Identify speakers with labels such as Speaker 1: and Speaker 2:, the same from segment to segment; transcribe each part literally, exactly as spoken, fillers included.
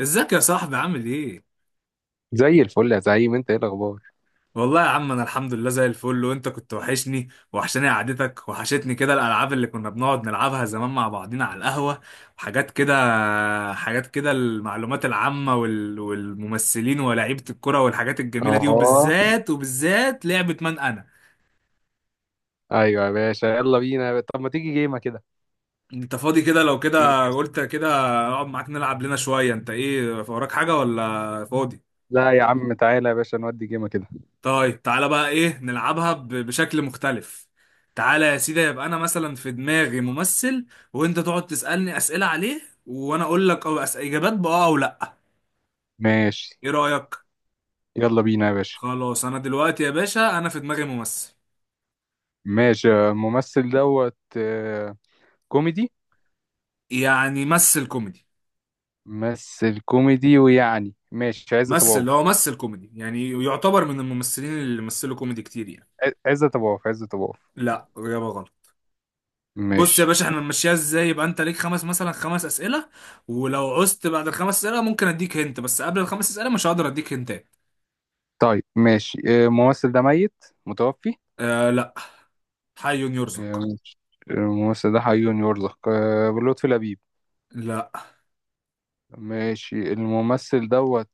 Speaker 1: ازيك يا صاحبي؟ عامل ايه؟
Speaker 2: زي الفل يا زعيم، انت ايه الاخبار؟
Speaker 1: والله يا عم، انا الحمد لله زي الفل. وانت كنت وحشني وحشاني، قعدتك وحشتني كده، الالعاب اللي كنا بنقعد نلعبها زمان مع بعضينا على القهوة، وحاجات كده حاجات كده المعلومات العامة، وال... والممثلين ولاعيبة الكرة والحاجات الجميلة دي.
Speaker 2: اه،
Speaker 1: وبالذات وبالذات لعبة من انا.
Speaker 2: ايوه يا باشا، يلا بينا. طب ما تيجي جيمه كده؟
Speaker 1: انت فاضي كده؟ لو
Speaker 2: ما تيجي.
Speaker 1: كده، قلت كده اقعد معاك نلعب لنا شوية. انت ايه وراك حاجة ولا فاضي؟
Speaker 2: لا يا عم، تعالى يا باشا نودي جيمه كده.
Speaker 1: طيب، تعالى بقى، ايه نلعبها ب- بشكل مختلف. تعالى يا سيدي، يبقى انا مثلا في دماغي ممثل، وانت تقعد تسألني اسئلة عليه، وانا اقول لك او أس... اجابات باه او لا.
Speaker 2: ماشي.
Speaker 1: ايه رأيك؟
Speaker 2: يلا بينا يا باشا.
Speaker 1: خلاص، انا دلوقتي يا باشا انا في دماغي ممثل.
Speaker 2: ماشي. الممثل دوت، آه، كوميدي.
Speaker 1: يعني ممثل كوميدي،
Speaker 2: ممثل كوميدي، ويعني ماشي، عزت ابو
Speaker 1: ممثل اللي
Speaker 2: عوف.
Speaker 1: هو ممثل كوميدي، يعني يعتبر من الممثلين اللي مثلوا كوميدي كتير يعني.
Speaker 2: ع- عزت ابو عوف، عزت ابو عوف.
Speaker 1: لا، اجابة غلط. بص يا
Speaker 2: ماشي.
Speaker 1: باشا، احنا نمشيها ازاي؟ يبقى انت ليك خمس، مثلا خمس اسئله. ولو عزت بعد الخمس اسئله ممكن اديك هنت، بس قبل الخمس اسئله مش هقدر اديك هنت.
Speaker 2: طيب، ماشي. آه، الممثل ده ميت؟ متوفي؟
Speaker 1: آه لا، حي
Speaker 2: آه،
Speaker 1: يرزق.
Speaker 2: ماشي. الممثل ده حي يرزق. آه، لطفي لبيب؟
Speaker 1: لا،
Speaker 2: ماشي، الممثل دوت.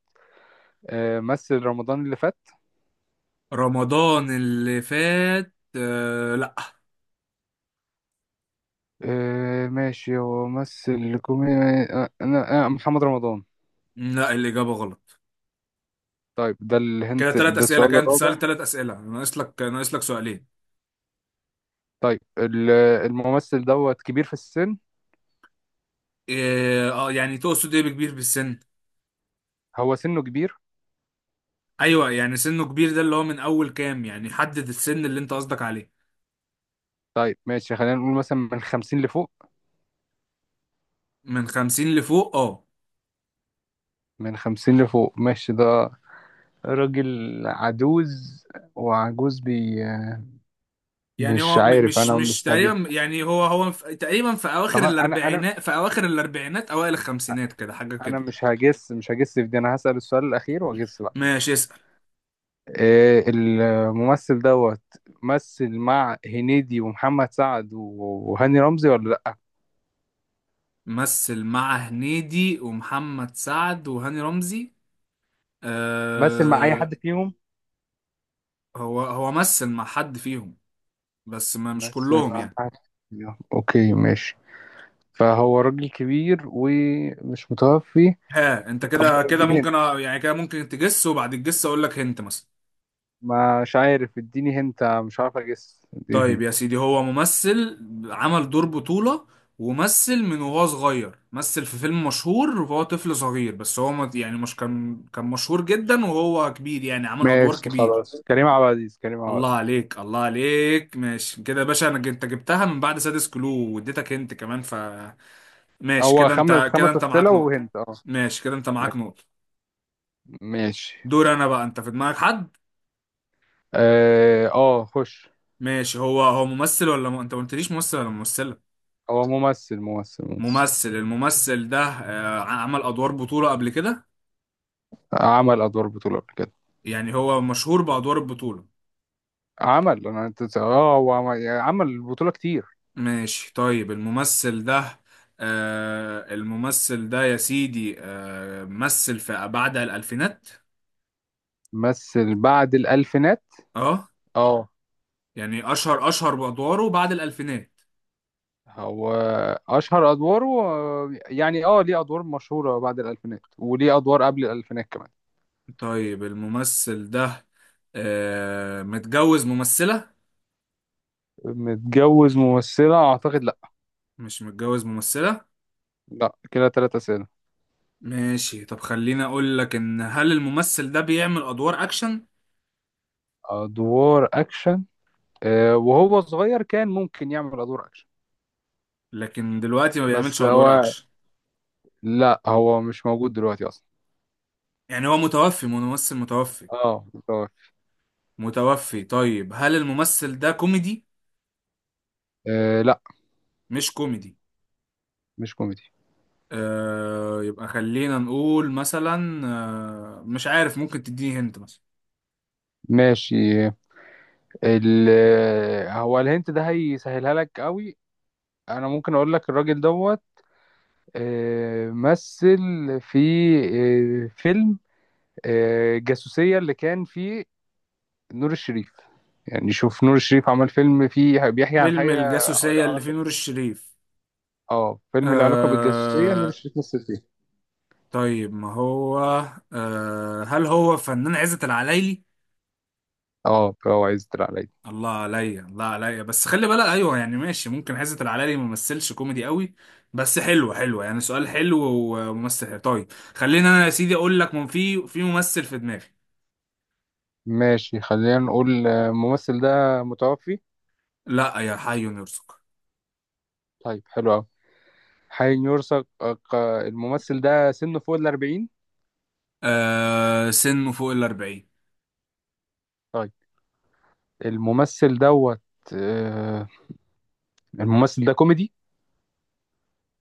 Speaker 2: آه، مثل رمضان اللي فات؟
Speaker 1: رمضان اللي فات؟ آه لا.
Speaker 2: آه، ماشي، هو مثل كوميدي. آه، انا آه، محمد رمضان؟
Speaker 1: لا، الإجابة غلط.
Speaker 2: طيب، ده
Speaker 1: كده
Speaker 2: الهنت.
Speaker 1: ثلاث
Speaker 2: ده
Speaker 1: أسئلة،
Speaker 2: السؤال
Speaker 1: كده أنت
Speaker 2: الرابع.
Speaker 1: سألت ثلاث أسئلة. ناقص لك ناقص لك سؤالين.
Speaker 2: طيب، ال- الممثل دوت كبير في السن.
Speaker 1: إيه، اه، يعني تقصد ايه بكبير بالسن؟
Speaker 2: هو سنه كبير؟
Speaker 1: ايوه، يعني سنه كبير، ده اللي هو من اول كام؟ يعني حدد السن اللي انت قصدك عليه.
Speaker 2: طيب، ماشي، خلينا نقول مثلا من خمسين لفوق.
Speaker 1: من خمسين لفوق، اه.
Speaker 2: من خمسين لفوق، ماشي. ده راجل عجوز. وعجوز بي.
Speaker 1: يعني
Speaker 2: مش
Speaker 1: هو م-
Speaker 2: عارف،
Speaker 1: مش
Speaker 2: انا
Speaker 1: مش
Speaker 2: مش هجس.
Speaker 1: تقريبا، يعني هو هو في- تقريبا في اواخر
Speaker 2: طبعا انا انا
Speaker 1: الاربعينات في اواخر الاربعينات اوائل الخمسينات كده، حاجة
Speaker 2: انا
Speaker 1: كده.
Speaker 2: مش هجس، مش هجس في دي. انا هسأل السؤال الاخير واجس بقى.
Speaker 1: ماشي، اسأل.
Speaker 2: آه، الممثل دوت. مثل مع هنيدي ومحمد سعد وهاني رمزي، ولا لا؟
Speaker 1: مثل مع هنيدي ومحمد سعد وهاني رمزي؟
Speaker 2: مثل مع اي
Speaker 1: آه،
Speaker 2: حد فيهم؟
Speaker 1: هو هو مثل مع حد فيهم، بس ما مش
Speaker 2: مثل
Speaker 1: كلهم
Speaker 2: مع
Speaker 1: يعني.
Speaker 2: حد فيهم، اوكي ماشي. فهو راجل كبير ومش متوفي.
Speaker 1: ها، انت
Speaker 2: طب
Speaker 1: كده كده
Speaker 2: اديني
Speaker 1: ممكن
Speaker 2: هنت.
Speaker 1: أ- يعني كده ممكن تجس، وبعد الجس اقول لك هنت مثلا.
Speaker 2: مش عارف، اديني هنت، مش عارف اجس، اديني
Speaker 1: طيب
Speaker 2: هنت.
Speaker 1: يا سيدي، هو ممثل عمل دور بطولة، ومثل من وهو صغير، مثل في فيلم مشهور وهو طفل صغير، بس هو ما- يعني مش كان كان مشهور جدا وهو كبير، يعني عمل ادوار
Speaker 2: ماشي،
Speaker 1: كبير.
Speaker 2: خلاص. كريم عبد العزيز، كريم عبد
Speaker 1: الله
Speaker 2: العزيز!
Speaker 1: عليك، الله عليك. ماشي كده يا باشا، انا انت جبتها من بعد سادس كلو، واديتك انت كمان. ف ماشي
Speaker 2: هو
Speaker 1: كده
Speaker 2: خمس
Speaker 1: انت كده
Speaker 2: خمس
Speaker 1: انت
Speaker 2: اسئله
Speaker 1: معاك نقطة.
Speaker 2: وهنت، اه.
Speaker 1: ماشي كده، انت معاك نقطة.
Speaker 2: ماشي.
Speaker 1: دور انا بقى، انت في دماغك حد.
Speaker 2: اه، آه، خش.
Speaker 1: ماشي، هو هو ممثل ولا م... انت ما قلتليش ممثل ولا ممثلة؟
Speaker 2: هو ممثل، ممثل، ممثل.
Speaker 1: ممثل. الممثل ده آه، عمل ادوار بطولة قبل كده؟
Speaker 2: عمل ادوار بطوله قبل كده.
Speaker 1: يعني هو مشهور بادوار البطولة.
Speaker 2: عمل انا أنت- اه هو عمل، يعني عمل بطوله كتير.
Speaker 1: ماشي، طيب الممثل ده آه الممثل ده يا سيدي آه مثل في بعد الالفينات.
Speaker 2: مثل بعد الالفينات.
Speaker 1: اه.
Speaker 2: اه.
Speaker 1: يعني اشهر اشهر بادواره بعد الالفينات.
Speaker 2: هو اشهر ادواره، آه، يعني اه، ليه ادوار مشهوره بعد الالفينات وليه ادوار قبل الالفينات كمان.
Speaker 1: طيب الممثل ده آه متجوز ممثلة؟
Speaker 2: متجوز ممثله؟ اعتقد، لا.
Speaker 1: مش متجوز ممثلة.
Speaker 2: لا، كده ثلاثة اسئله.
Speaker 1: ماشي، طب خليني اقول لك ان، هل الممثل ده بيعمل ادوار اكشن؟
Speaker 2: ادوار اكشن؟ آه وهو صغير كان ممكن يعمل ادوار اكشن.
Speaker 1: لكن دلوقتي ما
Speaker 2: بس
Speaker 1: بيعملش ادوار
Speaker 2: هو...
Speaker 1: اكشن.
Speaker 2: لا، هو مش موجود دلوقتي اصلا.
Speaker 1: يعني هو متوفي، ممثل متوفي.
Speaker 2: اه، متوفي.
Speaker 1: متوفي. طيب هل الممثل ده كوميدي؟
Speaker 2: آه، لا.
Speaker 1: مش كوميدي.
Speaker 2: مش كوميدي.
Speaker 1: آه، يبقى خلينا نقول مثلا، آه مش عارف، ممكن تديني هنت مثلا.
Speaker 2: ماشي. ال هو الهنت ده هيسهلها لك قوي. انا ممكن اقول لك الراجل دوت. آه، مثل في آه، فيلم آه، جاسوسية اللي كان فيه نور الشريف. يعني شوف، نور الشريف عمل فيلم فيه بيحكي عن
Speaker 1: فيلم
Speaker 2: حاجة له
Speaker 1: الجاسوسية اللي فيه
Speaker 2: علاقة.
Speaker 1: نور الشريف؟
Speaker 2: اه، فيلم له علاقة بالجاسوسية، نور
Speaker 1: آه،
Speaker 2: الشريف مثل فيه.
Speaker 1: طيب ما هو، آه هل هو فنان عزت العلايلي؟
Speaker 2: اه، فهو عايز تطلع عليا؟
Speaker 1: الله عليا، الله عليا، بس خلي بالك. ايوه يعني، ماشي ممكن، عزت العلايلي ما مثلش كوميدي قوي، بس حلو حلو يعني، سؤال حلو وممثل حلو. طيب خليني انا يا سيدي اقول لك من في في ممثل في دماغي.
Speaker 2: ماشي، خلينا نقول، آه، الممثل ده متوفي؟
Speaker 1: لا، يا حي يرزق.
Speaker 2: طيب، حلو قوي. حين يرثق. آه، الممثل ده سنه فوق الأربعين؟
Speaker 1: آه، سنه فوق الأربعين.
Speaker 2: طيب. الممثل دوت. آه، الممثل ده كوميدي؟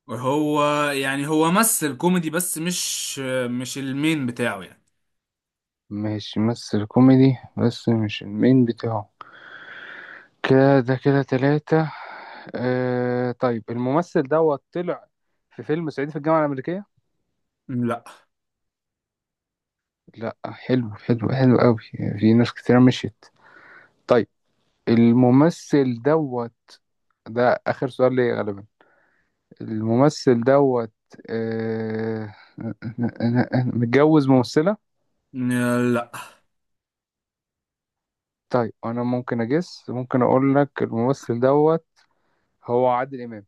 Speaker 1: وهو يعني هو مثل كوميدي، بس مش مش المين بتاعه يعني.
Speaker 2: مش ممثل كوميدي بس مش المين بتاعه. كده كده، تلاتة. آه طيب، الممثل دوت طلع في فيلم صعيدي في الجامعة الأمريكية؟
Speaker 1: لا
Speaker 2: لا، حلو حلو حلو قوي. في ناس كتير مشيت. طيب. الممثل دوت. ده آخر سؤال ليا غالبا. الممثل دوت. آه... متجوز ممثلة؟
Speaker 1: لا
Speaker 2: طيب، أنا ممكن أجس، ممكن أقول لك الممثل دوت هو عادل امام.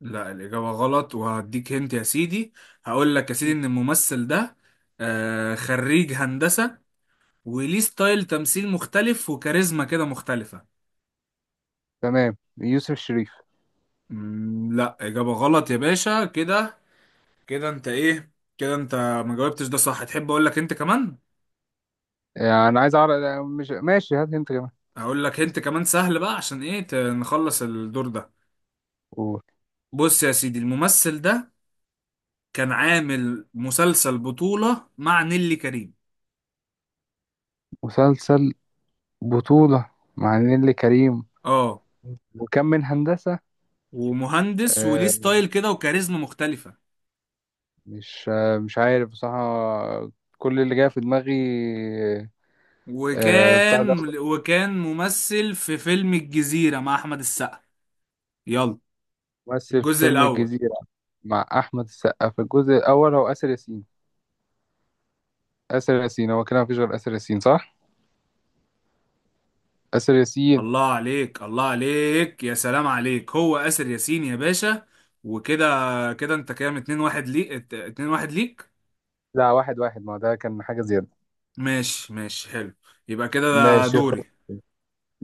Speaker 1: لا، الإجابة غلط، وهديك هنت يا سيدي. هقول لك يا سيدي
Speaker 2: مم.
Speaker 1: إن الممثل ده آه خريج هندسة، وليه ستايل تمثيل مختلف، وكاريزما كده مختلفة.
Speaker 2: تمام، يوسف الشريف.
Speaker 1: مم، لا، إجابة غلط يا باشا. كده كده أنت إيه كده أنت ما جاوبتش، ده صح. تحب أقول لك أنت كمان؟
Speaker 2: آه، انا عايز اعرف، مش ماشي، هات انت كمان.
Speaker 1: هقول لك أنت كمان سهل، بقى عشان إيه ت- نخلص الدور ده.
Speaker 2: قول.
Speaker 1: بص يا سيدي، الممثل ده كان عامل مسلسل بطولة مع نيلي كريم.
Speaker 2: مسلسل بطولة مع نيللي كريم.
Speaker 1: اه،
Speaker 2: وكم من هندسة؟
Speaker 1: ومهندس وليه
Speaker 2: آه،
Speaker 1: ستايل كده وكاريزما مختلفة.
Speaker 2: مش آه، مش عارف بصراحة. كل اللي جاي في دماغي. آه، بتاع ده.
Speaker 1: وكان وكان ممثل في فيلم الجزيرة مع أحمد السقا. يلا،
Speaker 2: ممثل في
Speaker 1: الجزء
Speaker 2: فيلم
Speaker 1: الأول.
Speaker 2: الجزيرة مع أحمد السقا في الجزء الأول هو آسر ياسين. آسر ياسين، هو كده مفيش غير آسر ياسين، صح؟ آسر ياسين.
Speaker 1: الله عليك، الله عليك، يا سلام عليك، هو آسر ياسين يا باشا. وكده كده، أنت كام؟ اتنين واحد ليك، ات- اتنين واحد ليك.
Speaker 2: لا، واحد واحد. ما هو ده كان حاجة زيادة.
Speaker 1: ماشي، ماشي، حلو. يبقى كده ده
Speaker 2: ماشي، خد.
Speaker 1: دوري.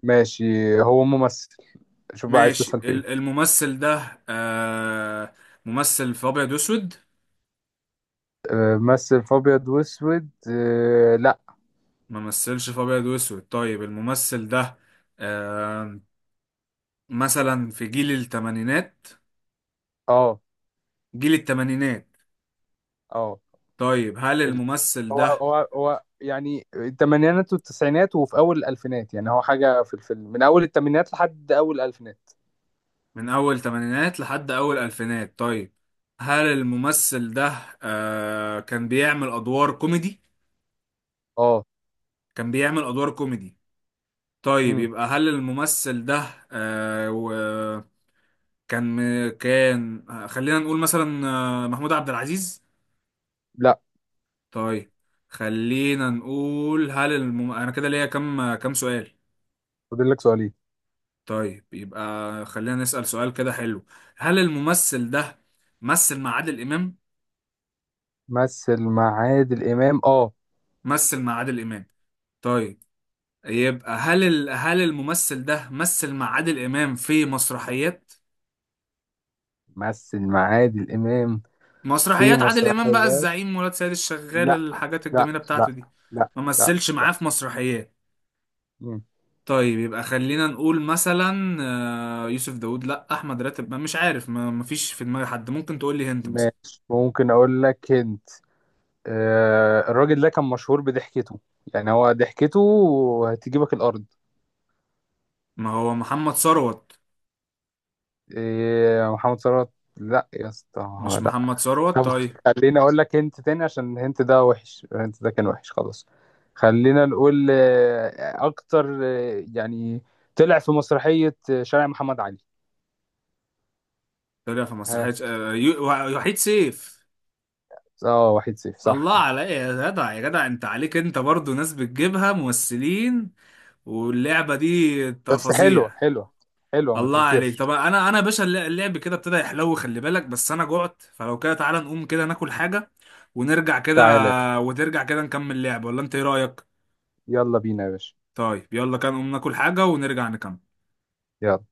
Speaker 2: ماشي. هو ممثل. شوف بقى، عايز
Speaker 1: ماشي،
Speaker 2: تسأل في ايه؟
Speaker 1: ال- الممثل ده آه ممثل في أبيض وأسود؟
Speaker 2: آه، مثل في ابيض واسود؟ آه، لا.
Speaker 1: ما مثلش في أبيض وأسود. طيب الممثل ده آه مثلا في جيل الثمانينات،
Speaker 2: اه.
Speaker 1: جيل التمانينات.
Speaker 2: اه.
Speaker 1: طيب هل
Speaker 2: في ال...
Speaker 1: الممثل
Speaker 2: هو
Speaker 1: ده
Speaker 2: هو هو يعني الثمانينات والتسعينات وفي اول الالفينات، يعني هو حاجة في الفيلم من اول الثمانينات لحد اول الالفينات.
Speaker 1: من أول تمانينات لحد أول ألفينات؟ طيب هل الممثل ده آه كان بيعمل أدوار كوميدي؟
Speaker 2: اه.
Speaker 1: كان بيعمل أدوار كوميدي. طيب
Speaker 2: امم
Speaker 1: يبقى، هل الممثل ده آه و- كان، م- كان آه، خلينا نقول مثلا آه، محمود عبد العزيز؟
Speaker 2: لا،
Speaker 1: طيب خلينا نقول، هل الم... أنا كده ليا كم كم سؤال؟
Speaker 2: فاضل لك سؤالين.
Speaker 1: طيب يبقى خلينا نسأل سؤال كده حلو، هل الممثل ده مثل مع عادل إمام؟
Speaker 2: مثل مع عادل امام، اه.
Speaker 1: مثل مع عادل إمام. طيب يبقى هل ال... هل الممثل ده مثل مع عادل إمام في مسرحيات؟
Speaker 2: مثل مع عادل امام في
Speaker 1: مسرحيات عادل إمام بقى،
Speaker 2: مسرحيات؟
Speaker 1: الزعيم، ولاد سيد الشغال،
Speaker 2: لا.
Speaker 1: الحاجات
Speaker 2: لا،
Speaker 1: الجميلة
Speaker 2: لا.
Speaker 1: بتاعته دي.
Speaker 2: لا.
Speaker 1: ما
Speaker 2: لا
Speaker 1: مثلش
Speaker 2: لا
Speaker 1: معاه في مسرحيات.
Speaker 2: مم.
Speaker 1: طيب يبقى خلينا نقول مثلا آه، يوسف داوود، لا أحمد راتب، ما مش عارف، ما مفيش في دماغي حد، ممكن تقول لي هنت مثلا.
Speaker 2: ماشي، ممكن اقول لك هند. آه، الراجل ده كان مشهور بضحكته. يعني هو ضحكته هتجيبك الارض.
Speaker 1: ما هو محمد ثروت.
Speaker 2: إيه محمد ثروت؟ لا يا اسطى.
Speaker 1: مش
Speaker 2: لا.
Speaker 1: محمد ثروت.
Speaker 2: طب،
Speaker 1: طيب
Speaker 2: خليني اقول لك هنت تاني عشان الهنت ده وحش. الهنت ده كان وحش خلاص. خلينا نقول، آه، اكتر، آه، يعني طلع في مسرحية آه، شارع محمد علي؟
Speaker 1: طلع في
Speaker 2: ها؟
Speaker 1: مسرحية، آه، يو- وحيد سيف.
Speaker 2: اه، واحد صفر، صح
Speaker 1: الله
Speaker 2: كده؟
Speaker 1: على ايه يا جدع، يا جدع انت عليك، انت برضو ناس بتجيبها ممثلين واللعبة دي، انت
Speaker 2: بس حلوة
Speaker 1: فظيع.
Speaker 2: حلوة. حلوة، ما
Speaker 1: الله عليك.
Speaker 2: تنكرش.
Speaker 1: طب انا انا يا باشا الل- اللعب كده ابتدى يحلو، خلي بالك. بس انا جعت، فلو كده تعالى نقوم كده ناكل حاجة ونرجع كده،
Speaker 2: تعالى.
Speaker 1: وترجع كده نكمل لعب، ولا انت ايه رأيك؟
Speaker 2: يلا بينا يا باشا.
Speaker 1: طيب يلا كده نقوم ناكل حاجة ونرجع نكمل.
Speaker 2: يلا.